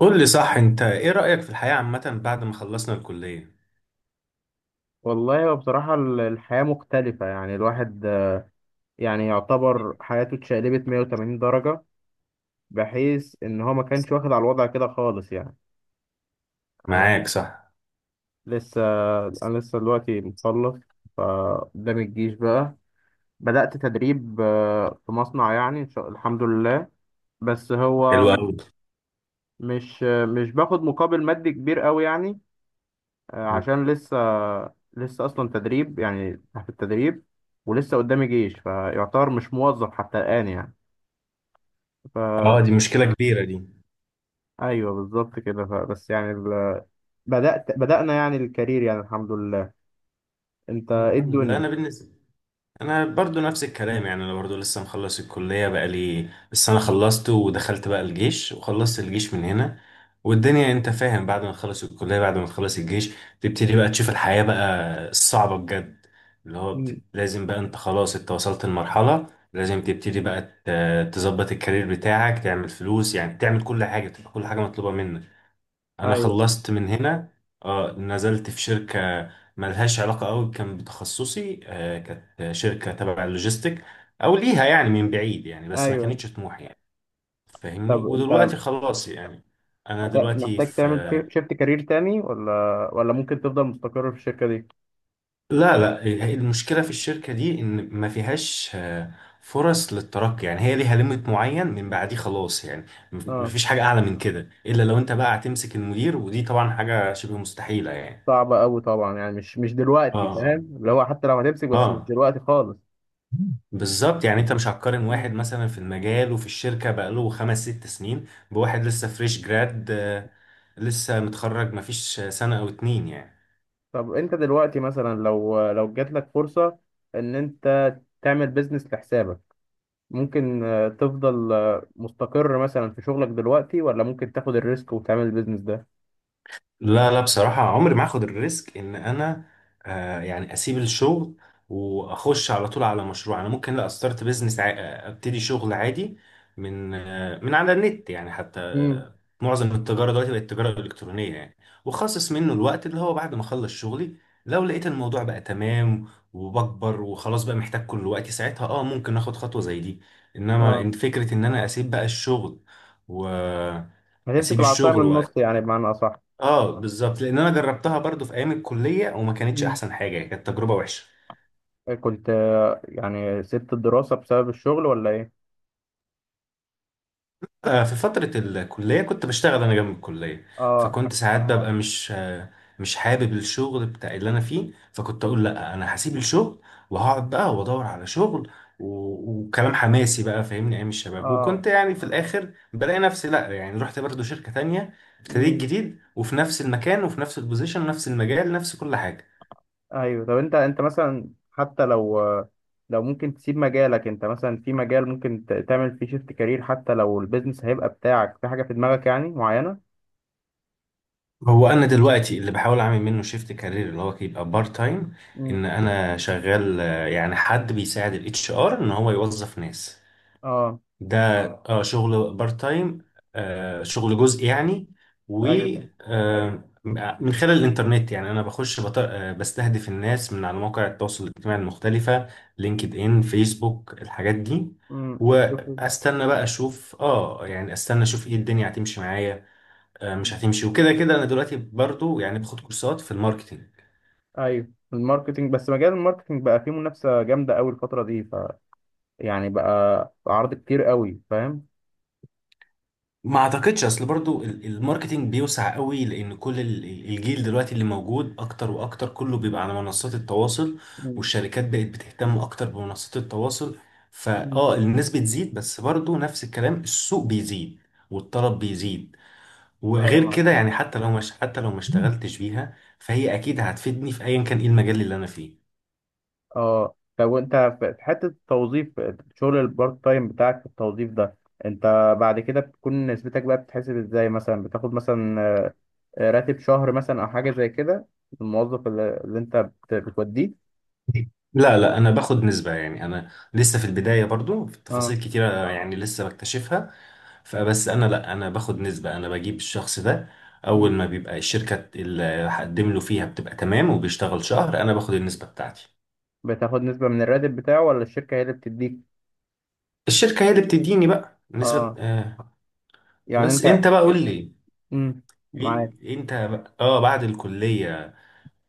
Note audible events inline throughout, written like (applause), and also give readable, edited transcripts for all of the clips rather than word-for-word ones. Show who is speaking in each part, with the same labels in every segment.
Speaker 1: قول لي صح، انت ايه رأيك في الحياة عامة بعد ما خلصنا الكلية؟
Speaker 2: والله هو بصراحة الحياة مختلفة، يعني الواحد، يعني يعتبر حياته اتشقلبت 180 درجة، بحيث إن هو ما كانش واخد على الوضع كده خالص يعني. أنا
Speaker 1: معاك صح.
Speaker 2: لسه أنا لسه دلوقتي مخلص. فقدام الجيش بقى، بدأت تدريب في مصنع، يعني إن شاء الحمد لله. بس هو
Speaker 1: حلو قوي.
Speaker 2: مش باخد مقابل مادي كبير قوي يعني. عشان لسه، أصلا تدريب يعني تحت التدريب. ولسه قدامي جيش، فيعتبر مش موظف حتى الآن يعني. فا
Speaker 1: اه، دي مشكلة كبيرة دي.
Speaker 2: ايوه، بالظبط كده. بس يعني بدأنا يعني الكارير، يعني الحمد لله. انت ايه
Speaker 1: الحمد لله.
Speaker 2: الدنيا؟
Speaker 1: انا بالنسبة، انا برضو نفس الكلام، يعني انا برضو لسه مخلص الكلية. بقى لي لسه، انا خلصت ودخلت بقى الجيش وخلصت الجيش من هنا. والدنيا، انت فاهم، بعد ما تخلص الكلية بعد ما تخلص الجيش، تبتدي بقى تشوف الحياة بقى الصعبة بجد. اللي هو
Speaker 2: مم.
Speaker 1: لازم بقى انت، خلاص انت وصلت لمرحلة لازم تبتدي بقى تظبط الكارير بتاعك، تعمل فلوس، يعني تعمل كل حاجة، تبقى كل حاجة مطلوبة منك. انا
Speaker 2: ايوه،
Speaker 1: خلصت من هنا، اه نزلت في شركه ملهاش علاقه قوي كان بتخصصي، كانت شركه تبع اللوجيستيك، او ليها يعني من بعيد يعني، بس ما
Speaker 2: ايوه.
Speaker 1: كانتش طموحي يعني.
Speaker 2: طب
Speaker 1: فاهمني.
Speaker 2: انت
Speaker 1: ودلوقتي خلاص يعني، انا دلوقتي
Speaker 2: محتاج
Speaker 1: في...
Speaker 2: تعمل شيفت كارير تاني، ولا ممكن تفضل مستقر في الشركة دي؟
Speaker 1: لا لا. المشكله في الشركه دي ان ما فيهاش فرص للترقي، يعني هي ليها ليميت معين، من بعديه خلاص يعني، ما
Speaker 2: اه،
Speaker 1: فيش حاجه اعلى من كده الا لو انت بقى هتمسك المدير، ودي طبعا حاجه شبه مستحيله يعني.
Speaker 2: صعبة قوي طبعا يعني. مش دلوقتي،
Speaker 1: اه،
Speaker 2: فاهم؟ اللي هو حتى لو هتمسك
Speaker 1: اه،
Speaker 2: بس مش
Speaker 1: آه.
Speaker 2: دلوقتي خالص. مم.
Speaker 1: بالظبط، يعني انت مش هتقارن واحد
Speaker 2: مم.
Speaker 1: مثلا في المجال وفي الشركة بقاله 5 6 سنين بواحد لسه فريش جراد، لسه متخرج مفيش سنة او 2 يعني.
Speaker 2: طب انت دلوقتي مثلا، لو جات لك فرصة ان انت تعمل بيزنس لحسابك، ممكن تفضل مستقر مثلا في شغلك دلوقتي، ولا ممكن تاخد الريسك وتعمل البيزنس ده؟
Speaker 1: لا لا بصراحة عمري ما هاخد الريسك ان انا يعني اسيب الشغل واخش على طول على مشروع. انا ممكن، لا، استارت بيزنس ع... آه، ابتدي شغل عادي من على النت يعني، حتى
Speaker 2: امم.
Speaker 1: معظم التجارة دلوقتي بقت التجارة الالكترونية يعني. واخصص منه الوقت اللي هو بعد ما اخلص شغلي، لو لقيت الموضوع بقى تمام وبكبر وخلاص بقى محتاج كل وقتي ساعتها، اه ممكن اخد خطوة زي دي. انما
Speaker 2: اه.
Speaker 1: إن فكرة ان انا اسيب بقى الشغل و...
Speaker 2: هتمسك
Speaker 1: اسيب
Speaker 2: العصاية من
Speaker 1: الشغل،
Speaker 2: النص يعني، بمعنى أصح.
Speaker 1: اه بالظبط، لان انا جربتها برضو في ايام الكليه وما كانتش
Speaker 2: امم
Speaker 1: احسن حاجه، كانت تجربه وحشه.
Speaker 2: كنت يعني سبت الدراسة بسبب الشغل ولا إيه؟
Speaker 1: في فتره الكليه كنت بشتغل انا جنب الكليه،
Speaker 2: اه،
Speaker 1: فكنت ساعات ببقى مش حابب الشغل بتاع اللي انا فيه، فكنت اقول لا انا هسيب الشغل وهقعد بقى وادور على شغل، و- وكلام حماسي بقى، فاهمني ايام الشباب.
Speaker 2: اه.
Speaker 1: وكنت يعني في الاخر بلاقي نفسي لا، يعني رحت برضو شركه تانية، ابتديت
Speaker 2: امم
Speaker 1: جديد وفي نفس المكان وفي نفس البوزيشن ونفس المجال، نفس كل حاجه.
Speaker 2: أيوه. طب أنت مثلا، حتى لو لو ممكن تسيب مجالك، أنت مثلا في مجال ممكن تعمل فيه شيفت كارير، حتى لو البيزنس هيبقى بتاعك في حاجة في دماغك يعني معينة؟
Speaker 1: هو انا دلوقتي اللي بحاول اعمل منه شيفت كارير اللي هو يبقى بارت تايم،
Speaker 2: امم.
Speaker 1: ان انا شغال، يعني حد بيساعد الـ HR ان هو يوظف ناس
Speaker 2: أه.
Speaker 1: ده. اه، اه، شغل بارت تايم، شغل جزء يعني. و
Speaker 2: أيوه.
Speaker 1: آه، من خلال الانترنت يعني، انا بخش بستهدف الناس من على مواقع التواصل الاجتماعي المختلفة، LinkedIn، فيسبوك، الحاجات دي.
Speaker 2: بتشوف.
Speaker 1: واستنى بقى اشوف، اه يعني استنى اشوف ايه الدنيا هتمشي معايا. مش هتمشي، وكده كده انا دلوقتي برضو يعني باخد كورسات في الماركتينج.
Speaker 2: ايوه. الماركتينج، بس مجال الماركتينج بقى فيه منافسه جامده قوي الفتره دي. يعني بقى عرض كتير قوي، فاهم.
Speaker 1: ما اعتقدش، اصل برضو الماركتينج بيوسع قوي، لان كل الجيل دلوقتي اللي موجود اكتر واكتر كله بيبقى على منصات التواصل،
Speaker 2: مم.
Speaker 1: والشركات بقت بتهتم اكتر بمنصات التواصل.
Speaker 2: مم.
Speaker 1: فاه، الناس بتزيد، بس برضو نفس الكلام، السوق بيزيد والطلب بيزيد.
Speaker 2: ايوه
Speaker 1: وغير
Speaker 2: معاك
Speaker 1: كده
Speaker 2: حق.
Speaker 1: يعني حتى لو ما اشتغلتش بيها، فهي اكيد هتفيدني في ايا كان ايه المجال اللي انا فيه.
Speaker 2: اه. طب وانت، في حته التوظيف، شغل البارت تايم بتاعك في التوظيف ده، انت بعد كده بتكون نسبتك بقى بتتحسب ازاي؟ مثلا بتاخد مثلا راتب شهر مثلا او حاجه زي كده، الموظف اللي انت بتوديه؟
Speaker 1: لا لا، انا باخد نسبة، يعني انا لسه في البداية برضو، في
Speaker 2: اه.
Speaker 1: تفاصيل كتيرة يعني لسه بكتشفها. فبس انا، لا، انا باخد نسبة، انا بجيب الشخص ده، اول
Speaker 2: مم.
Speaker 1: ما بيبقى الشركة اللي هقدم له فيها بتبقى تمام وبيشتغل شهر، انا باخد النسبة بتاعتي.
Speaker 2: بتاخد نسبه من الراتب بتاعه ولا الشركه هي اللي بتديك؟
Speaker 1: الشركة هي اللي بتديني بقى نسبة،
Speaker 2: اه.
Speaker 1: آه.
Speaker 2: يعني
Speaker 1: بس
Speaker 2: انت.
Speaker 1: انت بقى قول لي،
Speaker 2: امم.
Speaker 1: ايه انت بقى، اه، بعد الكلية،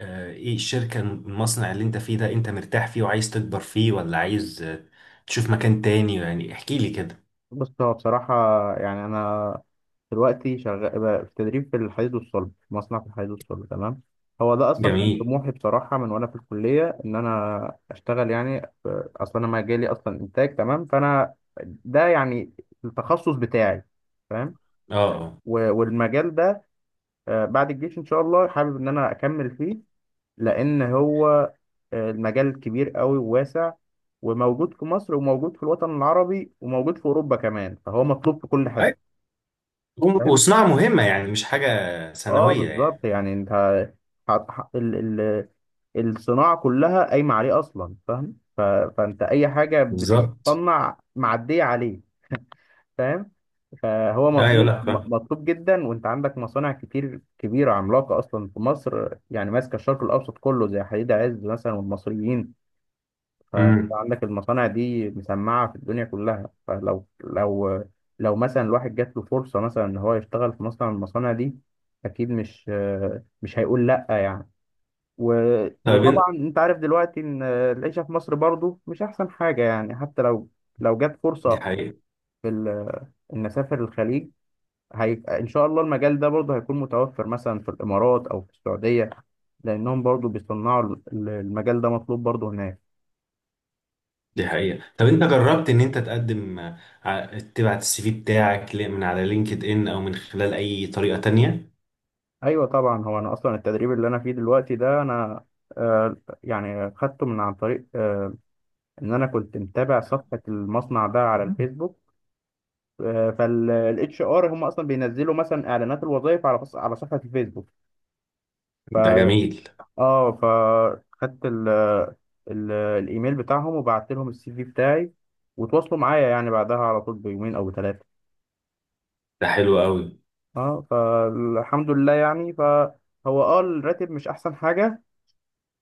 Speaker 1: ايه الشركة، المصنع اللي انت فيه ده، انت مرتاح فيه وعايز تكبر فيه، ولا عايز تشوف مكان تاني؟ يعني احكي لي كده.
Speaker 2: بص، هو بصراحة، يعني أنا دلوقتي شغال بقى في تدريب في الحديد والصلب، في مصنع في الحديد والصلب، تمام. هو ده أصلا كان
Speaker 1: جميل.
Speaker 2: طموحي بصراحة من وأنا في الكلية، إن أنا أشتغل يعني أصلا أنا مجالي أصلا إنتاج، تمام. فأنا ده يعني التخصص بتاعي، فاهم.
Speaker 1: اه، اه.
Speaker 2: والمجال ده بعد الجيش إن شاء الله حابب إن أنا أكمل فيه. لأن هو المجال كبير قوي وواسع، وموجود في مصر، وموجود في الوطن العربي، وموجود في أوروبا كمان، فهو مطلوب في كل حتة،
Speaker 1: أي،
Speaker 2: فاهم.
Speaker 1: وصناعة مهمة يعني، مش حاجة
Speaker 2: اه،
Speaker 1: ثانوية يعني.
Speaker 2: بالظبط يعني. انت ح- ح- ال ال الصناعه كلها قايمه عليه اصلا، فاهم. فانت اي حاجه
Speaker 1: بالظبط،
Speaker 2: بتصنع معديه عليه، فاهم. فهو
Speaker 1: ايوه.
Speaker 2: مطلوب،
Speaker 1: لا، فاهم.
Speaker 2: مطلوب جدا. وانت عندك مصانع كتير كبيره، عملاقه اصلا في مصر، يعني ماسكه الشرق الاوسط كله، زي حديد عز مثلا والمصريين. فانت
Speaker 1: امم.
Speaker 2: عندك المصانع دي مسمعة في الدنيا كلها. فلو لو لو مثلا الواحد جات له فرصة مثلا ان هو يشتغل في مصنع من المصانع دي، اكيد مش هيقول لا يعني. و...
Speaker 1: طيب انت.
Speaker 2: وطبعا انت عارف دلوقتي ان العيشة في مصر برضو مش احسن حاجة يعني، حتى لو جت
Speaker 1: دي
Speaker 2: فرصة
Speaker 1: حقيقة.
Speaker 2: في ان اسافر الخليج. ان شاء الله المجال ده برضو هيكون متوفر مثلا في الامارات او في السعودية، لانهم برضو بيصنعوا المجال ده مطلوب برضو هناك.
Speaker 1: دي حقيقة، طب انت جربت ان انت تقدم، تبعت CV بتاعك من على LinkedIn او من خلال اي طريقة تانية؟
Speaker 2: ايوه طبعا. هو انا اصلا التدريب اللي انا فيه دلوقتي ده، انا آه يعني خدته من عن طريق ان انا كنت متابع صفحه المصنع ده على الفيسبوك. فالاتش ار هم اصلا بينزلوا مثلا اعلانات الوظائف على على صفحه الفيسبوك.
Speaker 1: ده
Speaker 2: ف
Speaker 1: جميل.
Speaker 2: اه. فخدت ال ال الايميل بتاعهم وبعت لهم السي في بتاعي، وتواصلوا معايا يعني بعدها على طول بيومين او 3.
Speaker 1: ده حلو قوي.
Speaker 2: اه، فالحمد لله يعني. فهو الراتب مش احسن حاجه،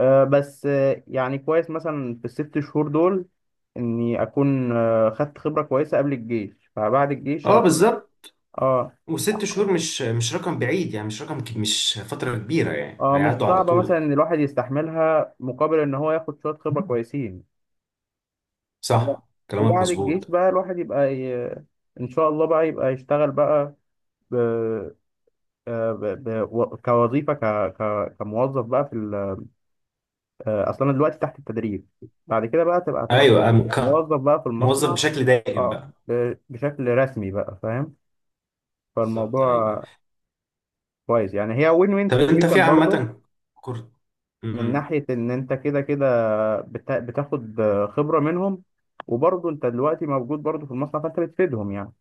Speaker 2: بس يعني كويس مثلا في الـ 6 شهور دول، اني اكون خدت خبره كويسه قبل الجيش، فبعد الجيش
Speaker 1: اه
Speaker 2: هكون.
Speaker 1: بالظبط.
Speaker 2: اه،
Speaker 1: وست شهور مش رقم بعيد يعني، مش رقم مش فترة كبيرة يعني،
Speaker 2: اه. مش
Speaker 1: هيعدوا على
Speaker 2: صعبه مثلا
Speaker 1: طول.
Speaker 2: ان الواحد يستحملها، مقابل ان هو ياخد شويه خبره (laughs) كويسين. وب-
Speaker 1: صح، كلامك
Speaker 2: وبعد الجيش
Speaker 1: مظبوط.
Speaker 2: بقى الواحد ان شاء الله بقى يبقى يشتغل بقى ب... آه، ب... ب... و- كوظيفه ك... ك... كموظف بقى في ال... آه، اصل انا دلوقتي تحت التدريب. بعد كده بقى تبقى
Speaker 1: ايوه،
Speaker 2: موظف بقى في
Speaker 1: موظف
Speaker 2: المصنع.
Speaker 1: بشكل دائم
Speaker 2: اه،
Speaker 1: بقى.
Speaker 2: بشكل رسمي بقى، فاهم.
Speaker 1: بالظبط، ايوه.
Speaker 2: فالموضوع كويس يعني، هي وين وين
Speaker 1: طب انت
Speaker 2: سيتويشن
Speaker 1: في
Speaker 2: برضه.
Speaker 1: عامة. كورس.
Speaker 2: من
Speaker 1: امم.
Speaker 2: ناحية إن أنت كده كده، بتاخد خبرة منهم. وبرضه أنت دلوقتي موجود برضه في المصنع، فأنت بتفيدهم يعني.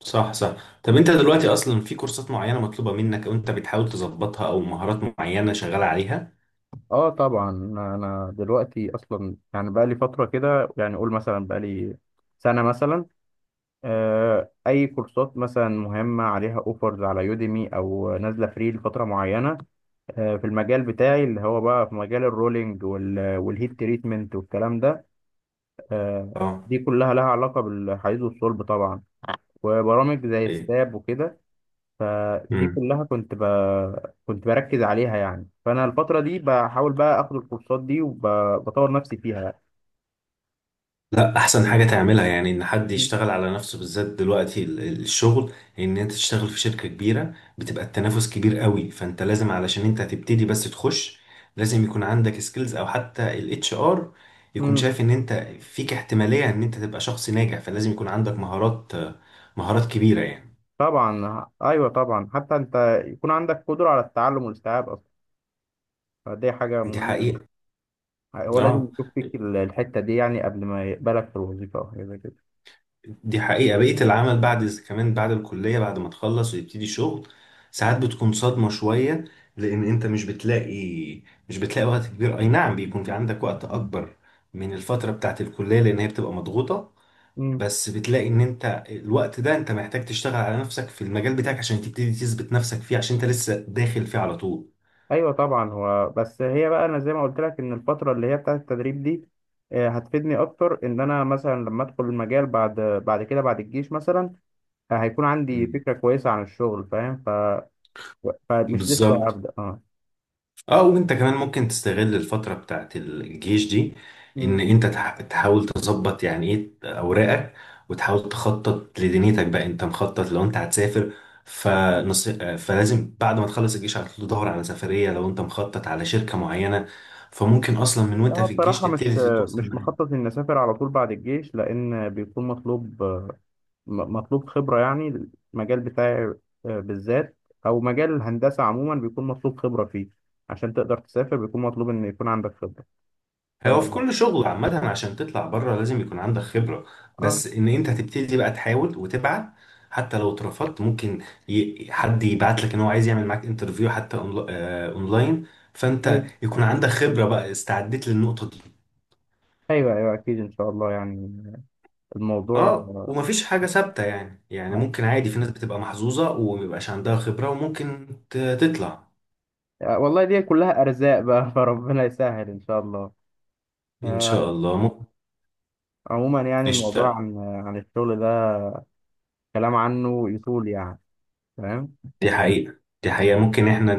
Speaker 1: صح صح، طب انت دلوقتي اصلا في كورسات معينة مطلوبة منك، او انت بتحاول تظبطها، او مهارات معينة شغال عليها؟
Speaker 2: اه طبعا. أنا دلوقتي أصلا يعني بقى لي فترة كده يعني، قول مثلا بقى لي سنة مثلا، اي كورسات مثلا مهمه عليها اوفرز على يوديمي او نازله فري لفتره معينه، في المجال بتاعي اللي هو بقى في مجال الرولينج والهيت تريتمنت والكلام ده.
Speaker 1: اه،
Speaker 2: دي كلها لها علاقه بالحديد والصلب طبعا. وبرامج زي
Speaker 1: ايه.
Speaker 2: ستاب وكده، فدي كلها كنت بركز عليها يعني، فانا الفتره دي بحاول بقى اخد الكورسات دي وبطور نفسي فيها يعني.
Speaker 1: لا، احسن حاجه تعملها يعني ان حد يشتغل على نفسه، بالذات دلوقتي الشغل. ان انت تشتغل في شركه كبيره بتبقى التنافس كبير قوي، فانت لازم، علشان انت هتبتدي بس تخش، لازم يكون عندك سكيلز او حتى الـ HR يكون
Speaker 2: مم.
Speaker 1: شايف ان انت فيك احتماليه ان انت تبقى شخص ناجح. فلازم يكون عندك مهارات، مهارات كبيره يعني.
Speaker 2: طبعا، ايوه طبعا، حتى انت يكون عندك قدره على التعلم والاستيعاب، فدي حاجة
Speaker 1: دي
Speaker 2: مهمة.
Speaker 1: حقيقه،
Speaker 2: هو لازم
Speaker 1: اه،
Speaker 2: يشوف فيك الحتة دي يعني، قبل ما يقبلك في الوظيفة أو حاجة زي كده.
Speaker 1: دي حقيقة. بقية العمل بعد كمان بعد الكلية، بعد ما تخلص ويبتدي شغل، ساعات بتكون صدمة شوية، لأن أنت مش بتلاقي وقت كبير. أي نعم، بيكون في عندك وقت أكبر من الفترة بتاعت الكلية لأن هي بتبقى مضغوطة،
Speaker 2: مم.
Speaker 1: بس بتلاقي إن أنت الوقت ده أنت محتاج تشتغل على نفسك في المجال بتاعك عشان تبتدي تثبت نفسك فيه، عشان أنت لسه داخل فيه على طول.
Speaker 2: أيوة طبعا. هو بس هي بقى، أنا زي ما قلت لك إن الفترة اللي هي بتاعة التدريب دي هتفيدني أكتر، إن أنا مثلا لما أدخل المجال بعد كده بعد الجيش مثلا، هيكون عندي
Speaker 1: مم.
Speaker 2: فكرة كويسة عن الشغل، فاهم. فمش لسه
Speaker 1: بالظبط.
Speaker 2: هبدأ، أه.
Speaker 1: اه، وانت كمان ممكن تستغل الفترة بتاعت الجيش دي، ان انت تحاول تظبط يعني ايه اوراقك، وتحاول تخطط لدنيتك بقى. انت مخطط لو انت هتسافر؟
Speaker 2: مم.
Speaker 1: فلازم بعد ما تخلص الجيش على طول تدور على سفرية، لو انت مخطط على شركة معينة فممكن اصلا من وانت
Speaker 2: لا
Speaker 1: في الجيش
Speaker 2: بصراحة، مش
Speaker 1: تبتدي تتواصل
Speaker 2: مش
Speaker 1: معاها.
Speaker 2: مخطط إني أسافر على طول بعد الجيش، لأن بيكون مطلوب، مطلوب خبرة يعني. المجال بتاعي بالذات، أو مجال الهندسة عموما بيكون مطلوب خبرة فيه، عشان تقدر تسافر بيكون مطلوب إن يكون عندك خبرة. ف
Speaker 1: هو في
Speaker 2: آه
Speaker 1: كل شغل عامة، عشان تطلع بره لازم يكون عندك خبرة، بس ان انت تبتدي بقى تحاول وتبعت حتى لو اترفضت، ممكن حد يبعت لك ان هو عايز يعمل معاك انترفيو، حتى اونلاين. فانت
Speaker 2: أيوه،
Speaker 1: يكون عندك خبرة بقى، استعديت للنقطة دي.
Speaker 2: أيوه، أيوه، أكيد إن شاء الله يعني. الموضوع،
Speaker 1: اه، ومفيش حاجة ثابتة يعني
Speaker 2: ه-
Speaker 1: ممكن عادي في ناس بتبقى محظوظة ومبيبقاش عندها خبرة وممكن تطلع.
Speaker 2: والله دي كلها أرزاق بقى (laughs) فربنا يسهل إن شاء الله.
Speaker 1: ان
Speaker 2: آه،
Speaker 1: شاء الله، ممكن
Speaker 2: عموما يعني
Speaker 1: نشتغل.
Speaker 2: الموضوع عن الشغل ده، كلام عنه يطول يعني. تمام.
Speaker 1: دي حقيقة، دي حقيقة. ممكن احنا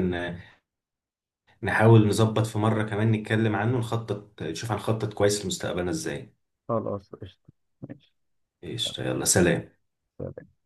Speaker 1: نحاول نظبط في مرة كمان نتكلم عنه، نخطط نشوف هنخطط كويس لمستقبلنا ازاي.
Speaker 2: خلاص قشطة. ماشي.
Speaker 1: قشطة، يلا سلام.
Speaker 2: سلام.